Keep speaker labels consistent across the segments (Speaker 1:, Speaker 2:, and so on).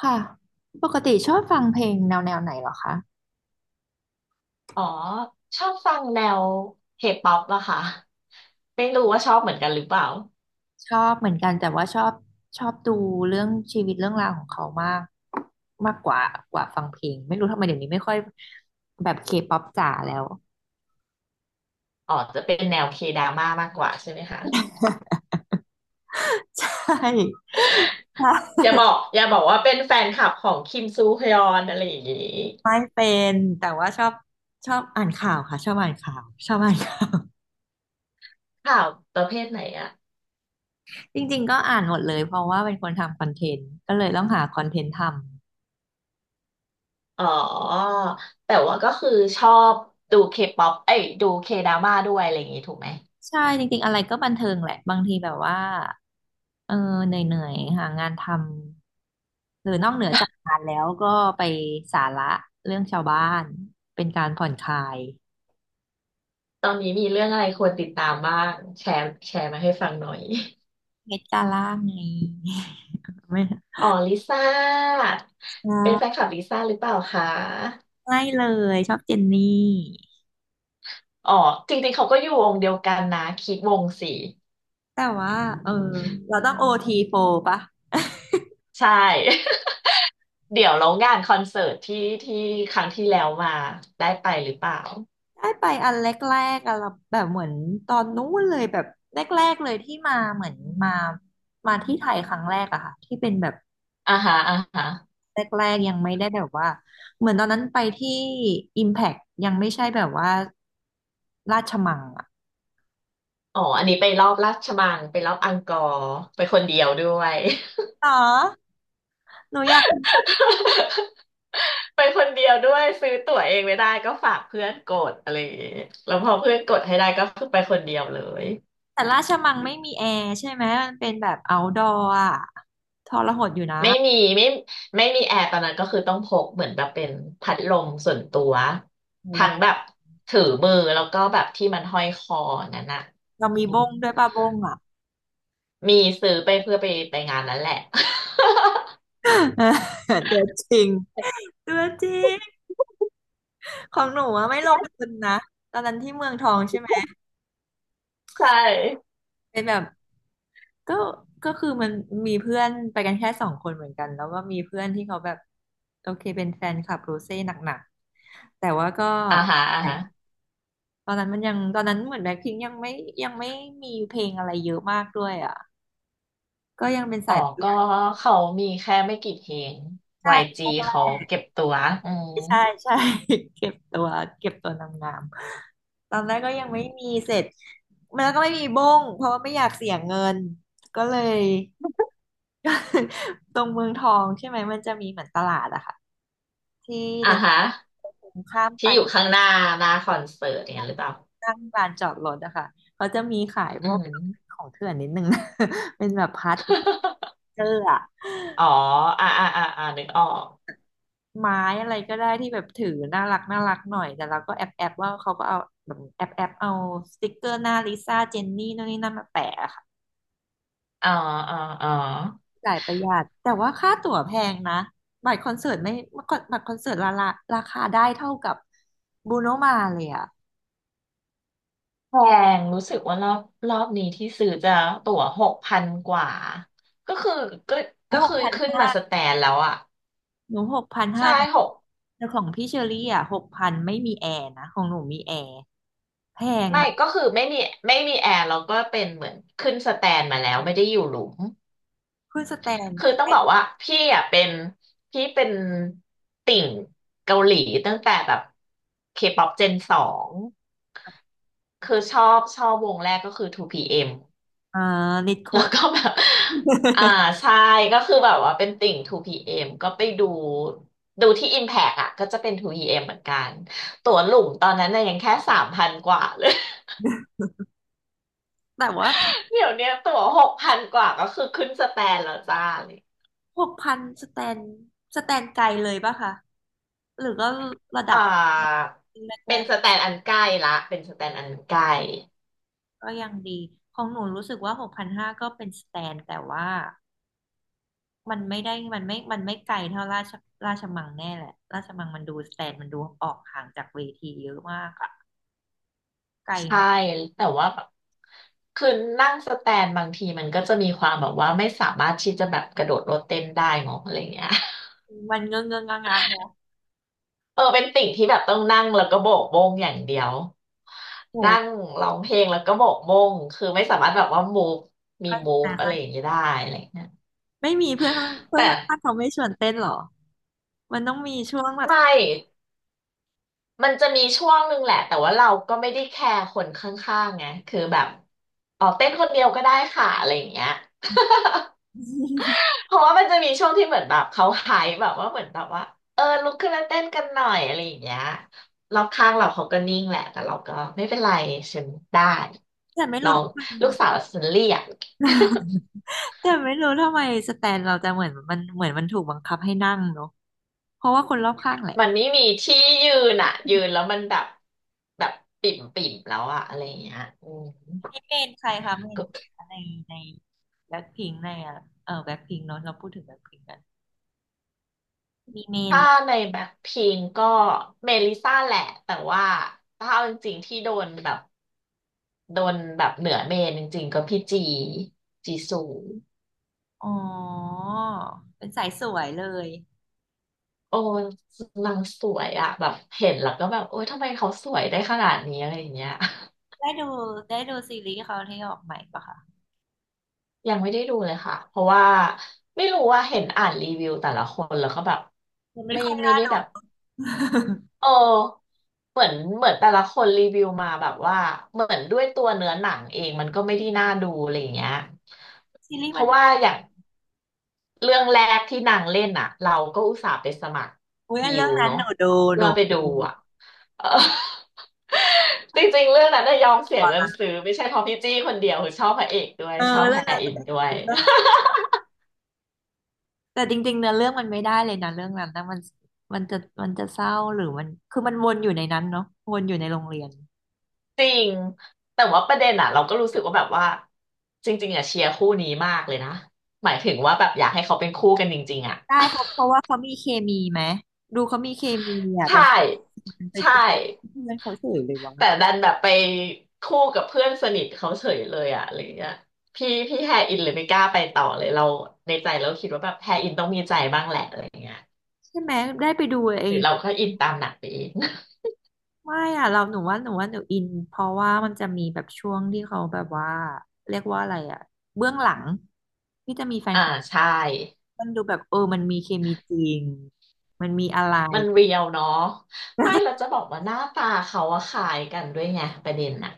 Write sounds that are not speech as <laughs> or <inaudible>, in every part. Speaker 1: ค่ะปกติชอบฟังเพลงแนวไหนเหรอคะ
Speaker 2: อ๋อชอบฟังแนวเคป๊อปอะค่ะไม่รู้ว่าชอบเหมือนกันหรือเปล่า
Speaker 1: ชอบเหมือนกันแต่ว่าชอบดูเรื่องชีวิตเรื่องราวของเขามากมากกว่าฟังเพลงไม่รู้ทำไมเดี๋ยวนี้ไม่ค่อยแบบเคป๊อปจ๋าแล้ว
Speaker 2: อ๋อจะเป็นแนวเคดราม่ามากกว่าใช่ไหมคะ
Speaker 1: <laughs> ใช่ใช่
Speaker 2: อย่าบอกอย่าบอกว่าเป็นแฟนคลับของคิมซูฮยอนอะไรอย่างนี้
Speaker 1: ไม่เป็นแต่ว่าชอบอ่านข่าวค่ะชอบอ่านข่าวชอบอ่านข่าว
Speaker 2: ข่าวประเภทไหนอะ
Speaker 1: จริงๆก็อ่านหมดเลยเพราะว่าเป็นคนทำคอนเทนต์ก็เลยต้องหาคอนเทนต์ทำ
Speaker 2: อ๋อแต่ว่าก็คือชอบดูเคป๊อปเอ้ยดูเคดราม่าด้วยอะไรอย่างนี้ถูกไหม
Speaker 1: ใช่จริงๆอะไรก็บันเทิงแหละบางทีแบบว่าเออเหนื่อยๆหางานทำหรือนอกเหนือจากงานแล้วก็ไปสาระเรื่องชาวบ้านเป็นการผ่อนคลาย
Speaker 2: ตอนนี้มีเรื่องอะไรควรติดตามบ้างแชร์แชร์มาให้ฟังหน่อย
Speaker 1: เพชรจ้าล่าไง <laughs> ไม่
Speaker 2: อ๋อลิซ่า
Speaker 1: ใช
Speaker 2: เป็นแฟน
Speaker 1: ่
Speaker 2: คลับลิซ่าหรือเปล่าคะ
Speaker 1: ไม่เลยชอบเจนนี่
Speaker 2: อ๋อจริงๆเขาก็อยู่วงเดียวกันนะคิดวงสี
Speaker 1: แต่ว่าเออเราต้องโอทีโฟปะ
Speaker 2: ใช่ <laughs> เดี๋ยวเรางานคอนเสิร์ตที่ที่ครั้งที่แล้วมาได้ไปหรือเปล่า
Speaker 1: ได้ไปอันแรกๆอะเราแบบเหมือนตอนนู้นเลยแบบแรกๆเลยที่มาเหมือนมามาที่ไทยครั้งแรกอะค่ะที่เป็นแบบ
Speaker 2: อ่าฮะอ่าฮะ
Speaker 1: แรกๆยังไม่ได้แบบว่าเหมือนตอนนั้นไปที่ Impact ยังไม่ใช่แบบว่าราชมังอะ
Speaker 2: อ๋ออันนี้ไปรอบราชมังไปรอบอังกอร์ไปคนเดียวด้วย
Speaker 1: อ๋อหนูอยาก
Speaker 2: <laughs> ไปคนเดียวด้วยซื้อตั๋วเองไม่ได้ก็ฝากเพื่อนกดอะไรอย่างเงี้ยแล้วพอเพื่อนกดให้ได้ก็คือไปคนเดียวเลย
Speaker 1: แต่ราชมังไม่มีแอร์ใช่ไหมมันเป็นแบบ outdoor อะทรหดอยู่นะ
Speaker 2: ไม่มีไม่มีแอร์ตอนนั้นก็คือต้องพกเหมือนแบบเป็นพัดลมส่วนตัว
Speaker 1: แล้
Speaker 2: ทั้
Speaker 1: ว
Speaker 2: งแบบถือมือแล้วก็แบบที่มันห้อยคอนั่นน่ะ
Speaker 1: เรา
Speaker 2: อื
Speaker 1: มี
Speaker 2: ม
Speaker 1: บ้งด้วยป่ะบ้งอะ
Speaker 2: มีซื้อไปเพื่อไปงานนั้นแหละ
Speaker 1: <laughs> ตัวจริงตัวจริงของหนูอะไม่ลงทุนนะตอนนั้นที่เมืองทองใช่ไหม
Speaker 2: <laughs> ใช่
Speaker 1: เป็นแบบ ก็คือมันมีเพื่อนไปกันแค่สองคนเหมือนกันแล้วก็มีเพื่อนที่เขาแบบโอเคเป็นแฟนคลับโรเซ่หนักๆแต่ว่าก็
Speaker 2: อ่าฮะอ่าฮะ
Speaker 1: ตอนนั้นมันยังตอนนั้นเหมือนแบล็คพิงค์ยังไม่ยังไม่มีเพลงอะไรเยอะมากด้วยอ่ะก็ยังเป็น
Speaker 2: อ๋
Speaker 1: สา
Speaker 2: อ
Speaker 1: ย
Speaker 2: ก็เขามีแค่ไม่กี่เพลง
Speaker 1: ใช่
Speaker 2: YG เขาเก็บตัวอืม
Speaker 1: ใช่ใช่ <laughs> เก็บตัวเก็บตัวนางงามตอนแรกก็ยังไม่มีเสร็จมันแล้วก็ไม่มีบ้งเพราะว่าไม่อยากเสียเงินก็เลย <laughs> ตรงเมืองทองใช่ไหมมันจะมีเหมือนตลาดอะค่ะ ที่
Speaker 2: อ่า
Speaker 1: เดิ
Speaker 2: ฮะ
Speaker 1: นข้ามไป
Speaker 2: ที่อยู่ข้างหน้าคอนเสิร์ตอย่างนั้นหรือเปล่า
Speaker 1: ข้างลานจอดรถอะค่ะเขาจะมีขายพ
Speaker 2: อื
Speaker 1: วก
Speaker 2: ม
Speaker 1: ของเถื่อนนิดนึงนะ <laughs> เป็นแบบพัด
Speaker 2: <laughs>
Speaker 1: เจอร์อะ
Speaker 2: อ๋ออ่าอ่าอ่าอ่านึกออก
Speaker 1: ไม้อะไรก็ได้ที่แบบถือน่ารักน่ารักหน่อยแต่เราก็แอบว่าเขาก็เอาแบบแอบเอาสติกเกอร์หน้าลิซ่าเจนนี่นู่นนี่นั่นมาแปะอะค่ะ
Speaker 2: อ๋ออ๋ออ๋อ
Speaker 1: จ่ายประหยัดแต่ว่าค่าตั๋วแพงนะ บัตรคอนเสิร์ตไม่บัตรคอนเสิร์ตราคาได้เท่ากับบูโนมาเลยอะ
Speaker 2: แพงรู้สึกว่ารอบนี้ที่ซื้อจะตั๋วหกพันกว่าก็คือก็
Speaker 1: โอ้
Speaker 2: ก็คือ
Speaker 1: โห
Speaker 2: ขึ้นมาสแตนแล้วอ่ะ
Speaker 1: หนู6,500
Speaker 2: ใช่หก
Speaker 1: แต่ของพี่เชอรี่อ่ะหกพันไม่มีแอร์นะของหนูมีแอร์แพง
Speaker 2: ไม่
Speaker 1: นะ
Speaker 2: ก็คือไม่มีแอร์แล้วก็เป็นเหมือนขึ้นสแตนมาแล้วไม่ได้อยู่หลุม
Speaker 1: คุณสแตน
Speaker 2: คือต้องบอกว่าพี่เป็นติ่งเกาหลีตั้งแต่แบบเคป๊อปเจนสองคือชอบวงแรกก็คือ 2PM
Speaker 1: เอ่อนิด
Speaker 2: <laughs>
Speaker 1: คุ
Speaker 2: แล้ว
Speaker 1: ณ
Speaker 2: ก็แบบ <laughs> อ่าใช่ก็คือแบบว่าเป็นติ่ง 2PM ก็ไปดู ดูที่ Impact อ่ะก็จะเป็น 2PM เอ็มเหมือนกัน ตั๋วหลุมตอนนั้นน่ะยังแค่สามพันกว่าเลย
Speaker 1: แต่ว่า
Speaker 2: <laughs> เดี๋ยวเนี้ยตั๋วหกพันกว่าก็คือขึ้นสแตนแล้วจ้าเลย
Speaker 1: หกพันสแตนไกลเลยป่ะคะหรือก็ระดั
Speaker 2: อ่
Speaker 1: บ
Speaker 2: า
Speaker 1: แร
Speaker 2: เป็น
Speaker 1: ก
Speaker 2: สแตนอันใกล้ละเป็นสแตนอันใกล้
Speaker 1: ๆก็ยังดีของหนูรู้สึกว่าหกพันห้าก็เป็นสแตนแต่ว่ามันไม่ไกลเท่าราชมังแน่แหละราชมังมันดูสแตนมันดูออกห่างจากเวทีเยอะมากอะไกลไห
Speaker 2: ใช่
Speaker 1: ม
Speaker 2: แต่ว่าแบบคือนั่งสแตนบางทีมันก็จะมีความแบบว่าไม่สามารถที่จะแบบกระโดดโลดเต้นได้เนาะอะไรเงี้ย
Speaker 1: มันเงื้องเงื้องงะงะเนอะ
Speaker 2: เออเป็นติ่งที่แบบต้องนั่งแล้วก็โบกโบงอย่างเดียวนั่
Speaker 1: โห
Speaker 2: งร้องเพลงแล้วก็โบกโบงคือไม่สามารถแบบว่ามูฟมีมูฟ
Speaker 1: นะ
Speaker 2: อะไรอ
Speaker 1: คะ
Speaker 2: ย่างนี้ได้อะไรอย่างเงี้ย
Speaker 1: ไม่มีเพื่อนาเพื่อ
Speaker 2: แต่
Speaker 1: นข้างเขาไม่ชวนเต้นหรอ มันต้องมีช่วงแบบ
Speaker 2: ไม่มันจะมีช่วงหนึ่งแหละแต่ว่าเราก็ไม่ได้แคร์คนข้างๆไงคือแบบอ๋อเต้นคนเดียวก็ได้ค่ะอะไรอย่างเงี้ย
Speaker 1: <laughs>
Speaker 2: เพราะว่ามันจะมีช่วงที่เหมือนแบบเขาไฮป์แบบว่าเหมือนแบบว่าเออลุกขึ้นแล้าเต้นกันหน่อยอะไรอย่างเงี้ยรอบข้างเราเขาก็นิ่งแหละแต่เราก็ไม่เป็นไรฉันได้
Speaker 1: แต่ไม่
Speaker 2: น้
Speaker 1: รู้
Speaker 2: อง
Speaker 1: ทำไม
Speaker 2: ลูกสาวฉันเรียก
Speaker 1: <laughs> แต่ไม่รู้ทำไมสแตนเราจะเหมือนมันถูกบังคับให้นั่งเนาะเพราะว่าคนรอบข้างแหละ
Speaker 2: <laughs> มันไม่มีที่ยืนอ่ะยืนแล้วมันแบบแบบปิ่มปิ่มแล้วอะอะไรอย่างเงี้ยอืม
Speaker 1: นี่เมนใครคะเมน
Speaker 2: ก็
Speaker 1: ใครคะในในแบ็คพิงในอ่ะเออแบ็คพิงเนาะเราพูดถึงแบ็คพิงกันมีเมน
Speaker 2: ถ้าในแบ็คพิงก็เมลิซ่าแหละแต่ว่าถ้าเอาจริงๆที่โดนแบบโดนแบบเหนือเมนจริงๆก็พี่จีซู
Speaker 1: อ๋อเป็นสายสวยเลย
Speaker 2: โอ้นางสวยอะแบบเห็นแล้วก็แบบโอ๊ยทำไมเขาสวยได้ขนาดนี้อะไรอย่างเงี้ย
Speaker 1: ได้ดูได้ดูซีรีส์เขาที่ออกใหม่ปะคะ
Speaker 2: <laughs> ยังไม่ได้ดูเลยค่ะเพราะว่าไม่รู้ว่าเห็นอ่านรีวิวแต่ละคนแล้วก็แบบ
Speaker 1: มันไม่
Speaker 2: ไม่
Speaker 1: ค่อย
Speaker 2: ไม่
Speaker 1: น่า
Speaker 2: ได้
Speaker 1: ดู
Speaker 2: แบบ
Speaker 1: <laughs>
Speaker 2: เออเหมือนแต่ละคนรีวิวมาแบบว่าเหมือนด้วยตัวเนื้อหนังเองมันก็ไม่ได้น่าดูอะไรอย่างเงี้ย
Speaker 1: ซีรี
Speaker 2: เพ
Speaker 1: ส์มัน
Speaker 2: ราะว่าอย่างเรื่องแรกที่นางเล่นอะเราก็อุตส่าห์ไปสมัคร
Speaker 1: อุ้ยเรื่อ
Speaker 2: วิ
Speaker 1: ง
Speaker 2: ว
Speaker 1: นั้น
Speaker 2: เนาะ
Speaker 1: หนูดูห
Speaker 2: เพื่
Speaker 1: นู
Speaker 2: อไป
Speaker 1: ดู
Speaker 2: ดูอะ เออ <laughs> จริงๆเรื่องนั้นน่ะยอมเสียเงินซื้อไม่ใช่เพราะพี่จี้คนเดียวคือชอบพระเอกด้วย
Speaker 1: เออ
Speaker 2: ชอบ
Speaker 1: เรื่
Speaker 2: แฮ
Speaker 1: องนั้น
Speaker 2: อินด้วย
Speaker 1: ก็แต่จริงๆเนื้อเรื่องมันไม่ได้เลยนะเรื่องนั้นนะมันมันจะมันจะเศร้าหรือมันคือมันวนอยู่ในนั้นเนาะวนอยู่ในโรงเรียน
Speaker 2: <laughs> จริงแต่ว่าประเด็นอ่ะเราก็รู้สึกว่าแบบว่าจริงๆอ่ะเชียร์คู่นี้มากเลยนะหมายถึงว่าแบบอยากให้เขาเป็นคู่กันจริงๆอ่ะ
Speaker 1: ได้เขาเพราะว่าเขามีเคมีไหมดูเขามีเคมี
Speaker 2: <laughs>
Speaker 1: อ่ะแต่
Speaker 2: ใช่
Speaker 1: มันไป
Speaker 2: ใช่
Speaker 1: เจอเพื่อนเขาเฉยเลย
Speaker 2: แต่
Speaker 1: วะ
Speaker 2: ดันแบบไปคู่กับเพื่อนสนิทเขาเฉยเลยอ่ะอะไรเงี้ยพี่แฮอินเลยไม่กล้าไปต่อเลยเราในใจเราคิดว่าแบบแฮอินต้องมีใจบ้างแหละอะไรเงี้ย
Speaker 1: ใช่ไหมได้ไปดูเอ
Speaker 2: หรื
Speaker 1: ง
Speaker 2: อเราก็อินตามหนังไปเอง
Speaker 1: ไม่อ่ะเราหนูว่าหนูอินเพราะว่ามันจะมีแบบช่วงที่เขาแบบว่าเรียกว่าอะไรอ่ะเบื้องหลังที่จะมีแฟน
Speaker 2: อ่าใช่
Speaker 1: มันดูแบบเออมันมีเคมีจริง มันมีอะไร
Speaker 2: มันเรียวเนาะไม่เรา
Speaker 1: <laughs>
Speaker 2: จะบอกว่าหน้าตาเขาอะคล้ายกันด้วยไงประเด็นน่ะ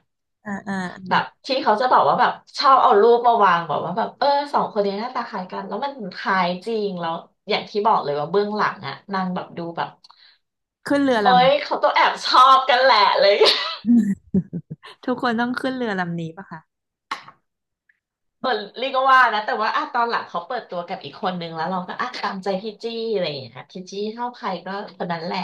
Speaker 1: อ่าอ่า
Speaker 2: แบบที่เขาจะบอกว่าแบบชอบเอารูปมาวางบอกว่าแบบเออสองคนนี้หน้าตาคล้ายกันแล้วมันคล้ายจริงแล้วอย่างที่บอกเลยว่าเบื้องหลังอะนางแบบดูแบบ
Speaker 1: ขึ้นเรือล
Speaker 2: เอ้ยเขาต้องแอบชอบกันแหละเลย
Speaker 1: ำ <laughs> ทุกคนต้องขึ้นเรือลำนี้ปะคะ
Speaker 2: เออเรียกว่านะแต่ว่าอ่ะตอนหลังเขาเปิดตัวกับอีกคนนึงแล้วเราก็อ่ะตามใจพี่จี้อะไรอย่างเงี้ยพี่จี้เท่าใครก็คนนั้นแหละ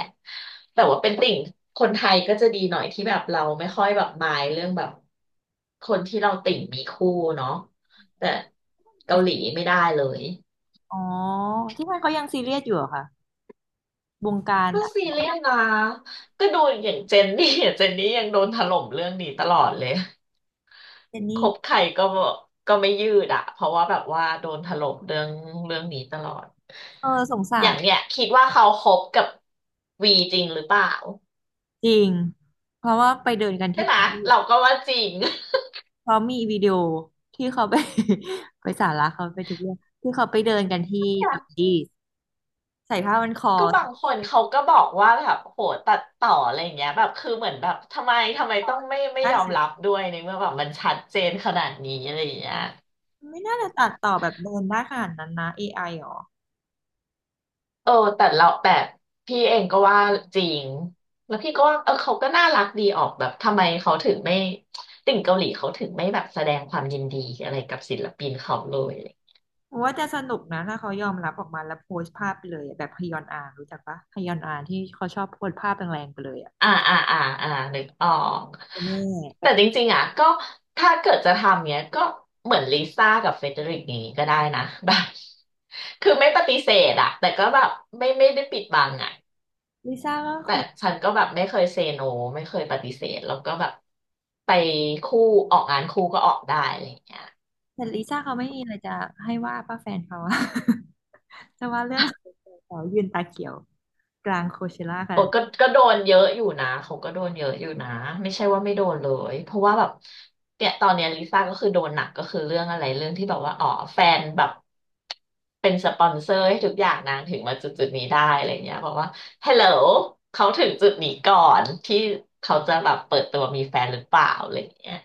Speaker 2: แต่ว่าเป็นติ่งคนไทยก็จะดีหน่อยที่แบบเราไม่ค่อยแบบมายเรื่องแบบคนที่เราติ่งมีคู่เนาะแต่เกาหลีไม่ได้เลย
Speaker 1: อ๋อที่นั่นเขายังซีเรียสอยู่เหรอคะวงการ
Speaker 2: ก็ซีเรียสนะก็ดูอย่างเจนนี่เจนนี่ยังโดนถล่มเรื่องนี้ตลอดเลย
Speaker 1: เจน
Speaker 2: ค
Speaker 1: นี่
Speaker 2: บใครก็ไม่ยืดอะเพราะว่าแบบว่าโดนถล่มเรื่องนี้ตลอด
Speaker 1: เออสง
Speaker 2: อ
Speaker 1: สา
Speaker 2: ย่า
Speaker 1: ร
Speaker 2: งเนี้ยคิดว่าเขาคบกับวีจริงหรือเปล่า
Speaker 1: จริงเพราะว่าไปเดินกัน
Speaker 2: ใช่
Speaker 1: ที่
Speaker 2: ไหม
Speaker 1: ปารีส
Speaker 2: เราก็ว่าจริง <laughs>
Speaker 1: เพราะมีวิดีโอที่เขาไป <laughs> ไปสาระเขาไปทุกเรื่องที่เขาไปเดินกันที่
Speaker 2: เนี่ย
Speaker 1: ปารีสใส่ผ้าพันคอ
Speaker 2: ก็บาง
Speaker 1: ใส่
Speaker 2: คนเขาก็บอกว่าแบบโหตัดต่ออะไรอย่างเงี้ยแบบคือเหมือนแบบทำไมต้องไม่
Speaker 1: ผ้า
Speaker 2: ยอ
Speaker 1: เห
Speaker 2: ม
Speaker 1: ลือง
Speaker 2: รับด้วยในเมื่อแบบมันชัดเจนขนาดนี้อะไรอย่างเงี้ย
Speaker 1: ไม่น่าจะตัดต่อแบบเดินได้ขนาดนั้นนะเอไอหรอ
Speaker 2: เออแต่เราแบบพี่เองก็ว่าจริงแล้วพี่ก็ว่าเออเขาก็น่ารักดีออกแบบทำไมเขาถึงไม่ติ่งเกาหลีเขาถึงไม่แบบแสดงความยินดีอะไรกับศิลปินเขาเลย
Speaker 1: โอ้ว่าจะสนุกนะถ้าเขายอมรับออกมาแล้วโพสต์ภาพไปเลยอะแบบฮยอนอารู้จักปะฮยอนอาที่เขาชอบโพสต์ภาพแรงๆไปเลยอ่ะ
Speaker 2: อ่าอ่าอ่าอ่านึกออก
Speaker 1: แม่แบ
Speaker 2: แต่จ
Speaker 1: บ
Speaker 2: ริงๆอ่ะก็ถ้าเกิดจะทำเนี้ยก็เหมือนลิซ่ากับเฟเดริกอย่างนี้ก็ได้นะแบบคือไม่ปฏิเสธอ่ะแต่ก็แบบไม่ได้ปิดบังอ่ะ
Speaker 1: ลิซ่าก็
Speaker 2: แต่
Speaker 1: คือ
Speaker 2: ฉันก็แบบไม่เคยเซโนไม่เคยปฏิเสธแล้วก็แบบไปคู่ออกงานคู่ก็ออกได้อะไรอย่างเงี้ย
Speaker 1: แต่ลิซ่าเขาไม่มีอะไรจะให้ว่าป้าแฟนเขาอะ <laughs> จะว่าเรื่องเขายืนตาเขียวกลางโคเชล่ากั
Speaker 2: โอ้
Speaker 1: น
Speaker 2: ก็โดนเยอะอยู่นะเขาก็โดนเยอะอยู่นะไม่ใช่ว่าไม่โดนเลยเพราะว่าแบบเนี่ยตอนเนี้ยลิซ่าก็คือโดนหนักก็คือเรื่องอะไรเรื่องที่แบบว่าอ๋อแฟนแบบเป็นสปอนเซอร์ให้ทุกอย่างนางถึงมาจุดนี้ได้อะไรเงี้ยบอกว่า Hello เขาถึงจุดนี้ก่อนที่เขาจะแบบเปิดตัวมีแฟนหรือเปล่าอะไรเงี้ย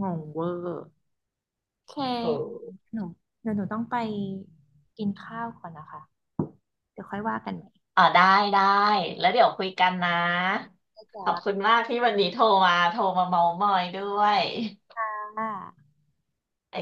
Speaker 1: งงเวอร์โอเค
Speaker 2: เออ
Speaker 1: หนูเดี๋ยวหนูต้องไปกินข้าวก่อนนะคะเดี๋ยวค่อยว่ากันใหม่
Speaker 2: อ๋อได้ได้แล้วเดี๋ยวคุยกันนะ
Speaker 1: จ้
Speaker 2: ขอบคุณมากที่วันนี้โทรมาเมามอยด้วย
Speaker 1: า